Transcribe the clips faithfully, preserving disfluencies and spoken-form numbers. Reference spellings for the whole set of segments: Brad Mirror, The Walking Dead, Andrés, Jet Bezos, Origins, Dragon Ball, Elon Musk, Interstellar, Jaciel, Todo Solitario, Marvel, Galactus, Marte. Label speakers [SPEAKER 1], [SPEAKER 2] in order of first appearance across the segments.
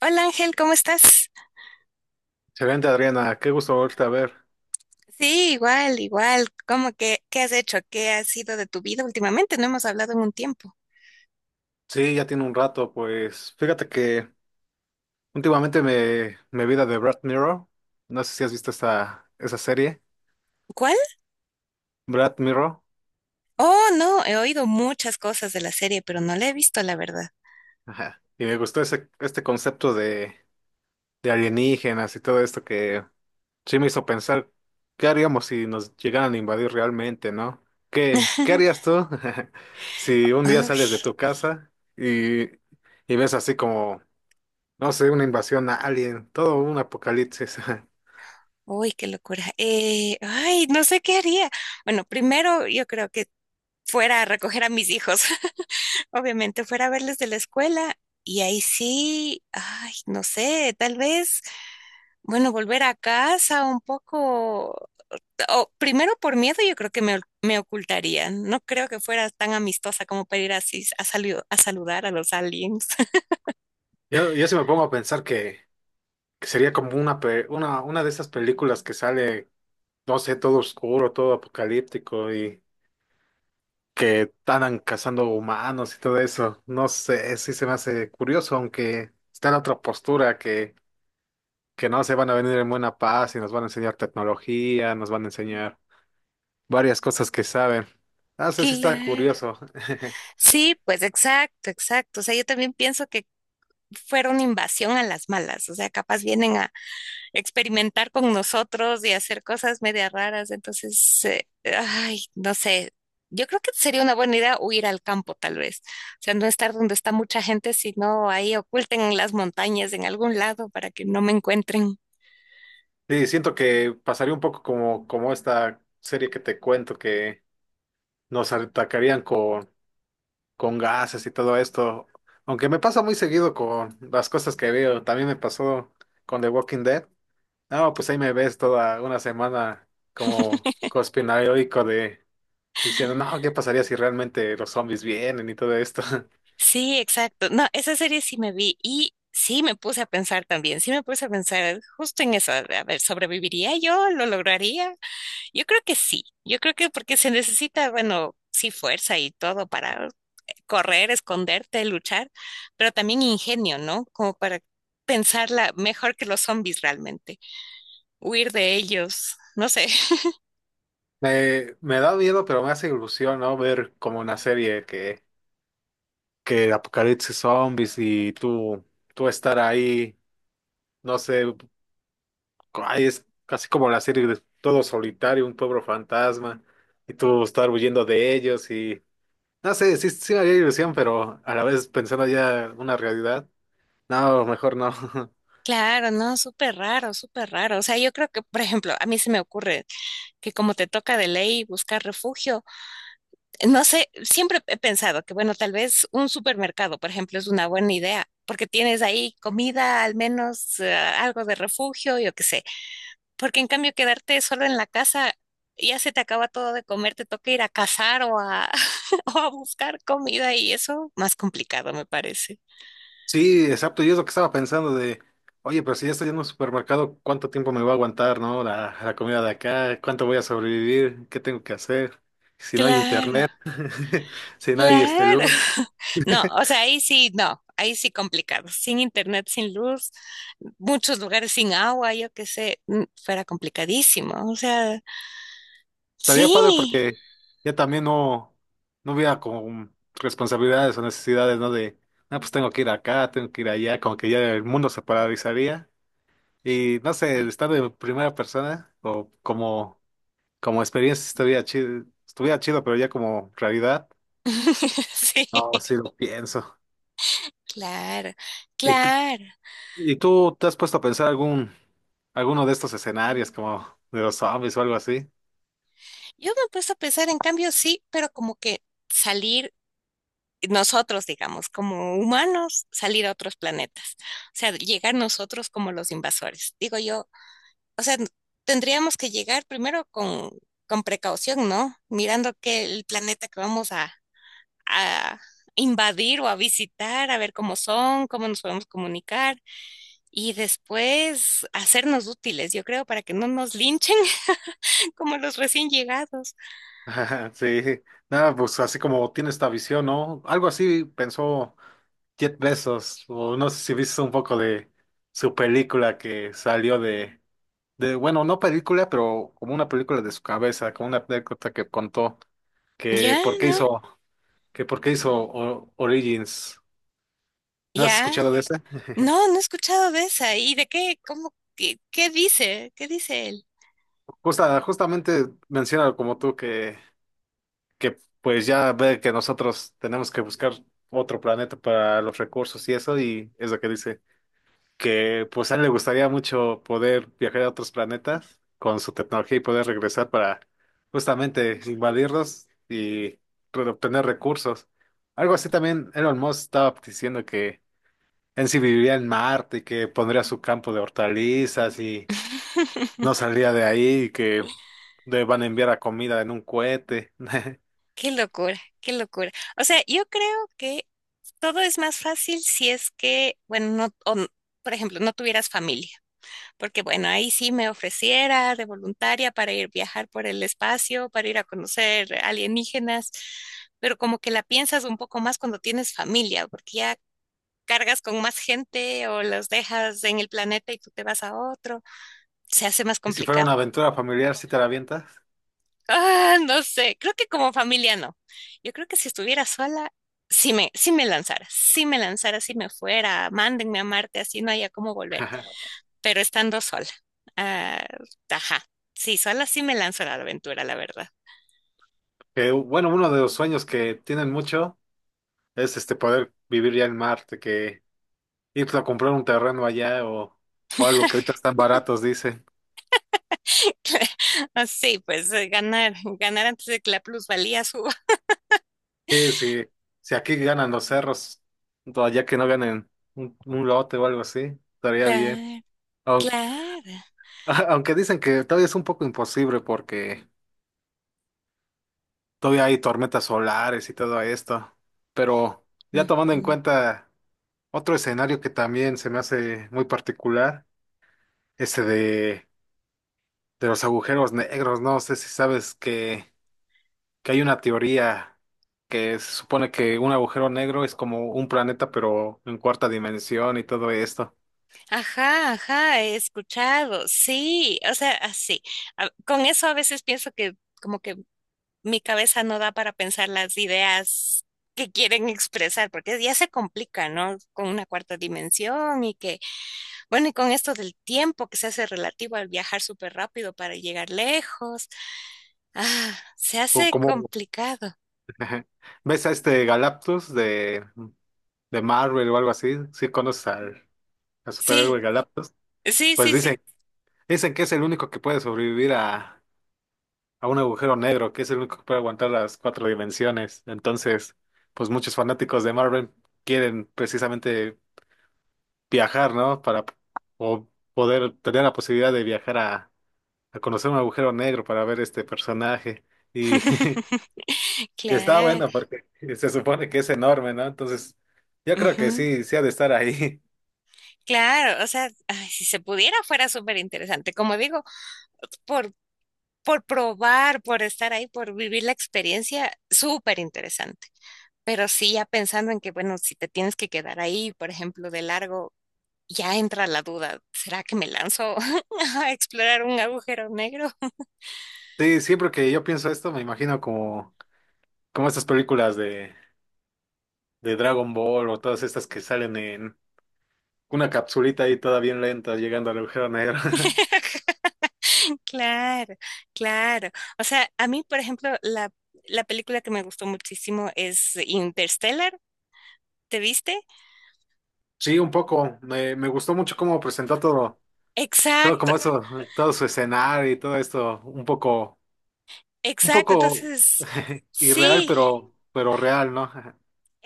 [SPEAKER 1] Hola Ángel, ¿cómo estás?
[SPEAKER 2] Excelente, Adriana. Qué gusto volverte a ver.
[SPEAKER 1] Sí, igual, igual. ¿Cómo que qué has hecho? ¿Qué ha sido de tu vida últimamente? No hemos hablado en un tiempo.
[SPEAKER 2] Sí, ya tiene un rato, pues. Fíjate que últimamente me, me vi la de Brad Mirror. No sé si has visto esta, esa serie,
[SPEAKER 1] ¿Cuál?
[SPEAKER 2] Brad Mirror.
[SPEAKER 1] Oh, no, he oído muchas cosas de la serie, pero no la he visto, la verdad.
[SPEAKER 2] Ajá. Y me gustó ese, este concepto de, de alienígenas y todo esto que sí me hizo pensar, ¿qué haríamos si nos llegaran a invadir realmente, no? ¿Qué, qué harías tú si un día
[SPEAKER 1] Uy,
[SPEAKER 2] sales de tu casa y, y ves así como, no sé, una invasión a alien, ¿todo un apocalipsis?
[SPEAKER 1] uy, qué locura. Eh, ay, no sé qué haría. Bueno, primero yo creo que fuera a recoger a mis hijos, obviamente, fuera a verles de la escuela y ahí sí, ay, no sé, tal vez, bueno, volver a casa un poco, o primero por miedo yo creo que me, me ocultaría. No creo que fuera tan amistosa como para ir así a, salu- a saludar a los aliens.
[SPEAKER 2] Yo, yo sí me pongo a pensar que, que sería como una, pe- una, una de esas películas que sale, no sé, todo oscuro, todo apocalíptico y que andan cazando humanos y todo eso. No sé, sí se me hace curioso, aunque está la otra postura que, que no se van a venir en buena paz y nos van a enseñar tecnología, nos van a enseñar varias cosas que saben. No sé si está
[SPEAKER 1] Claro.
[SPEAKER 2] curioso.
[SPEAKER 1] Sí, pues exacto, exacto. O sea, yo también pienso que fuera una invasión a las malas. O sea, capaz vienen a experimentar con nosotros y hacer cosas media raras. Entonces, eh, ay, no sé. Yo creo que sería una buena idea huir al campo, tal vez. O sea, no estar donde está mucha gente, sino ahí oculten en las montañas, en algún lado, para que no me encuentren.
[SPEAKER 2] Sí, siento que pasaría un poco como, como esta serie que te cuento que nos atacarían con con gases y todo esto. Aunque me pasa muy seguido con las cosas que veo. También me pasó con The Walking Dead. No, pues ahí me ves toda una semana como conspiranoico de diciendo, no, ¿qué pasaría si realmente los zombies vienen y todo esto?
[SPEAKER 1] Sí, exacto. No, esa serie sí me vi y sí me puse a pensar también, sí me puse a pensar justo en eso. A ver, ¿sobreviviría yo? ¿Lo lograría? Yo creo que sí. Yo creo que porque se necesita, bueno, sí, fuerza y todo para correr, esconderte, luchar, pero también ingenio, ¿no? Como para pensarla mejor que los zombies realmente, huir de ellos. No sé.
[SPEAKER 2] Me, me da miedo, pero me hace ilusión, ¿no? Ver como una serie que, que apocalipsis zombies y tú, tú estar ahí, no sé. Ay, es casi como la serie de Todo Solitario, un pueblo fantasma, y tú estar huyendo de ellos y... No sé, sí, sí me haría ilusión, pero a la vez pensando ya en una realidad. No, mejor no.
[SPEAKER 1] Claro, no, súper raro, súper raro. O sea, yo creo que, por ejemplo, a mí se me ocurre que como te toca de ley buscar refugio. No sé, siempre he pensado que, bueno, tal vez un supermercado, por ejemplo, es una buena idea, porque tienes ahí comida, al menos eh, algo de refugio, yo qué sé. Porque en cambio, quedarte solo en la casa, ya se te acaba todo de comer, te toca ir a cazar o a, o a buscar comida y eso, más complicado, me parece.
[SPEAKER 2] Sí, exacto, yo es lo que estaba pensando de, oye, pero si ya estoy en un supermercado, ¿cuánto tiempo me va a aguantar, no? La, la comida de acá, ¿cuánto voy a sobrevivir? ¿Qué tengo que hacer? Si no hay
[SPEAKER 1] Claro.
[SPEAKER 2] internet, si no hay este,
[SPEAKER 1] Claro.
[SPEAKER 2] luz.
[SPEAKER 1] No, o sea, ahí sí, no, ahí sí complicado. Sin internet, sin luz, muchos lugares sin agua, yo qué sé, mm, fuera complicadísimo. O sea,
[SPEAKER 2] Estaría padre
[SPEAKER 1] sí.
[SPEAKER 2] porque ya también no, no hubiera con responsabilidades o necesidades, ¿no? De, ah, pues tengo que ir acá, tengo que ir allá, como que ya el mundo se paralizaría. Y no sé, estar en primera persona o como, como experiencia estaría chido, estuviera chido, pero ya como realidad,
[SPEAKER 1] Sí,
[SPEAKER 2] no, sí lo pienso.
[SPEAKER 1] claro,
[SPEAKER 2] ¿Y, tú-
[SPEAKER 1] claro.
[SPEAKER 2] y tú te has puesto a pensar algún, alguno de estos escenarios, como de los zombies o algo así?
[SPEAKER 1] Yo me he puesto a pensar, en cambio, sí, pero como que salir nosotros, digamos, como humanos, salir a otros planetas. O sea, llegar nosotros como los invasores. Digo yo, o sea, tendríamos que llegar primero con, con precaución, ¿no? Mirando que el planeta que vamos a, a invadir o a visitar, a ver cómo son, cómo nos podemos comunicar y después hacernos útiles, yo creo, para que no nos linchen como los recién llegados.
[SPEAKER 2] Sí, nada, pues así como tiene esta visión, ¿no? Algo así pensó. Jet Bezos, o no sé si viste un poco de su película que salió de, de, bueno, no película, pero como una película de su cabeza, como una anécdota que contó, que
[SPEAKER 1] Ya,
[SPEAKER 2] por qué
[SPEAKER 1] ¿no?
[SPEAKER 2] hizo, que por qué hizo O- Origins. ¿No has
[SPEAKER 1] Ya.
[SPEAKER 2] escuchado de ese?
[SPEAKER 1] No, no he escuchado de esa. ¿Y de qué? ¿Cómo? ¿Qué, qué dice? ¿Qué dice él?
[SPEAKER 2] Justa, justamente menciona como tú que, que pues ya ve que nosotros tenemos que buscar otro planeta para los recursos y eso, y es lo que dice. Que pues a él le gustaría mucho poder viajar a otros planetas con su tecnología y poder regresar para justamente invadirlos y re- obtener recursos. Algo así también Elon Musk estaba diciendo que él sí viviría en Marte y que pondría su campo de hortalizas y no saldría de ahí y que le van a enviar a comida en un cohete.
[SPEAKER 1] Qué locura, qué locura. O sea, yo creo que todo es más fácil si es que, bueno, no, o n- por ejemplo, no tuvieras familia, porque bueno, ahí sí me ofreciera de voluntaria para ir viajar por el espacio, para ir a conocer alienígenas, pero como que la piensas un poco más cuando tienes familia, porque ya cargas con más gente o los dejas en el planeta y tú te vas a otro, se hace más
[SPEAKER 2] Y si fuera
[SPEAKER 1] complicado.
[SPEAKER 2] una aventura familiar, ¿sí te la avientas?
[SPEAKER 1] Ah, no sé, creo que como familia no. Yo creo que si estuviera sola, sí me, sí me lanzara, sí me lanzara, si me fuera, mándenme a Marte, así no haya cómo volver, pero estando sola. Ah, ajá, sí, sola sí me lanzo a la aventura, la verdad.
[SPEAKER 2] Que, bueno, uno de los sueños que tienen mucho es este poder vivir ya en Marte, que ir a comprar un terreno allá o, o algo que ahorita están baratos, dicen.
[SPEAKER 1] Así, pues eh, ganar, ganar antes de que la plusvalía suba.
[SPEAKER 2] Sí, sí, si aquí ganan los cerros, pues, allá que no ganen un, un lote o algo así, estaría bien.
[SPEAKER 1] Claro,
[SPEAKER 2] Aun-
[SPEAKER 1] claro.
[SPEAKER 2] Aunque, dicen que todavía es un poco imposible porque todavía hay tormentas solares y todo esto. Pero ya tomando en
[SPEAKER 1] Ujú.
[SPEAKER 2] cuenta otro escenario que también se me hace muy particular, ese de, de los agujeros negros, no sé si sabes que que hay una teoría que se supone que un agujero negro es como un planeta, pero en cuarta dimensión y todo esto.
[SPEAKER 1] Ajá, ajá, he escuchado, sí, o sea, así. A- Con eso a veces pienso que como que mi cabeza no da para pensar las ideas que quieren expresar, porque ya se complica, ¿no? Con una cuarta dimensión y que, bueno, y con esto del tiempo que se hace relativo al viajar súper rápido para llegar lejos, ah, se
[SPEAKER 2] O
[SPEAKER 1] hace
[SPEAKER 2] como
[SPEAKER 1] complicado.
[SPEAKER 2] ves a este Galactus de, de Marvel o algo así, si conoces al, al
[SPEAKER 1] Sí,
[SPEAKER 2] superhéroe Galactus,
[SPEAKER 1] sí,
[SPEAKER 2] pues
[SPEAKER 1] sí, sí.
[SPEAKER 2] dicen, dicen que es el único que puede sobrevivir a, a un agujero negro, que es el único que puede aguantar las cuatro dimensiones. Entonces, pues muchos fanáticos de Marvel quieren precisamente viajar, ¿no? Para o poder tener la posibilidad de viajar a a conocer un agujero negro para ver este personaje. Y, y está
[SPEAKER 1] Claro.
[SPEAKER 2] bueno porque se supone que es enorme, ¿no? Entonces, yo creo que
[SPEAKER 1] Ujú.
[SPEAKER 2] sí, sí ha de estar ahí.
[SPEAKER 1] Claro, o sea, ay, si se pudiera fuera súper interesante. Como digo, por, por probar, por estar ahí, por vivir la experiencia, súper interesante. Pero sí, ya pensando en que, bueno, si te tienes que quedar ahí, por ejemplo, de largo, ya entra la duda, ¿será que me lanzo a explorar un agujero negro?
[SPEAKER 2] Sí, siempre que yo pienso esto, me imagino como, como estas películas de, de Dragon Ball o todas estas que salen en una capsulita ahí toda bien lenta llegando al agujero negro.
[SPEAKER 1] Claro, claro. O sea, a mí, por ejemplo, la, la película que me gustó muchísimo es Interstellar. ¿Te viste?
[SPEAKER 2] Sí, un poco. Me, me gustó mucho cómo presentó todo, todo
[SPEAKER 1] Exacto,
[SPEAKER 2] como eso, todo su escenario y todo esto, un poco, un
[SPEAKER 1] exacto.
[SPEAKER 2] poco
[SPEAKER 1] Entonces,
[SPEAKER 2] irreal,
[SPEAKER 1] sí.
[SPEAKER 2] pero, pero real, ¿no?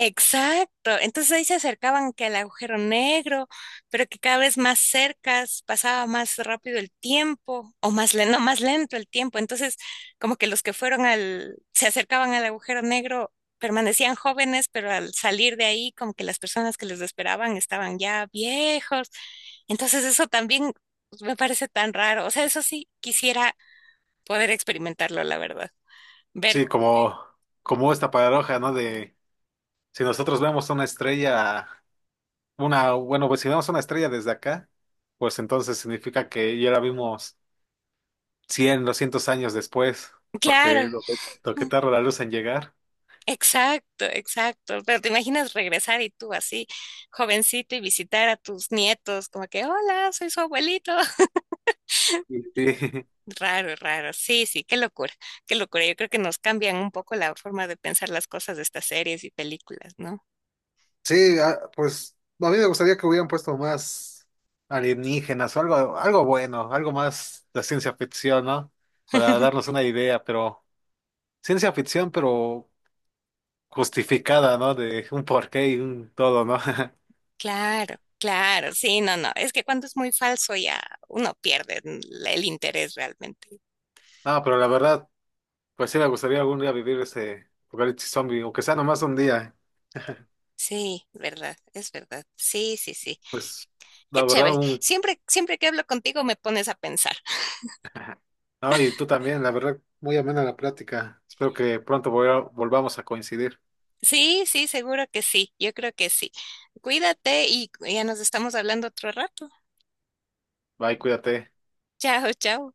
[SPEAKER 1] Exacto. Entonces ahí se acercaban que al agujero negro, pero que cada vez más cercas pasaba más rápido el tiempo, o más lento, más lento el tiempo. Entonces, como que los que fueron al, se acercaban al agujero negro permanecían jóvenes, pero al salir de ahí, como que las personas que les esperaban estaban ya viejos. Entonces, eso también me parece tan raro. O sea, eso sí quisiera poder experimentarlo, la verdad. Ver,
[SPEAKER 2] Sí, como, como esta paradoja, ¿no? De si nosotros vemos una estrella, una, bueno, pues si vemos una estrella desde acá, pues entonces significa que ya la vimos cien, doscientos años después, porque
[SPEAKER 1] claro.
[SPEAKER 2] lo que, lo que tarda la luz en llegar.
[SPEAKER 1] Exacto, exacto. Pero te imaginas regresar y tú así, jovencito, y visitar a tus nietos, como que, hola, soy su abuelito.
[SPEAKER 2] Sí, sí.
[SPEAKER 1] Raro, raro. Sí, sí, qué locura, qué locura. Yo creo que nos cambian un poco la forma de pensar las cosas de estas series y películas, ¿no?
[SPEAKER 2] Sí, ah, pues a mí me gustaría que hubieran puesto más alienígenas o algo, algo bueno, algo más de ciencia ficción, ¿no? Para darnos una idea, pero ciencia ficción, pero justificada, ¿no? De un porqué y un todo, ¿no?
[SPEAKER 1] Claro, claro, sí, no, no. Es que cuando es muy falso ya uno pierde el el interés realmente.
[SPEAKER 2] No, pero la verdad, pues sí me gustaría algún día vivir ese apocalipsis zombie, aunque sea nomás un día.
[SPEAKER 1] Sí, verdad, es verdad. Sí, sí, sí.
[SPEAKER 2] Pues
[SPEAKER 1] Qué
[SPEAKER 2] la verdad,
[SPEAKER 1] chévere.
[SPEAKER 2] un...
[SPEAKER 1] Siempre, siempre que hablo contigo me pones a pensar.
[SPEAKER 2] No, y tú también, la verdad, muy amena la plática. Espero que pronto volva- volvamos a coincidir.
[SPEAKER 1] Sí, sí, seguro que sí. Yo creo que sí. Cuídate y ya nos estamos hablando otro rato.
[SPEAKER 2] Bye, cuídate.
[SPEAKER 1] Chao, chao.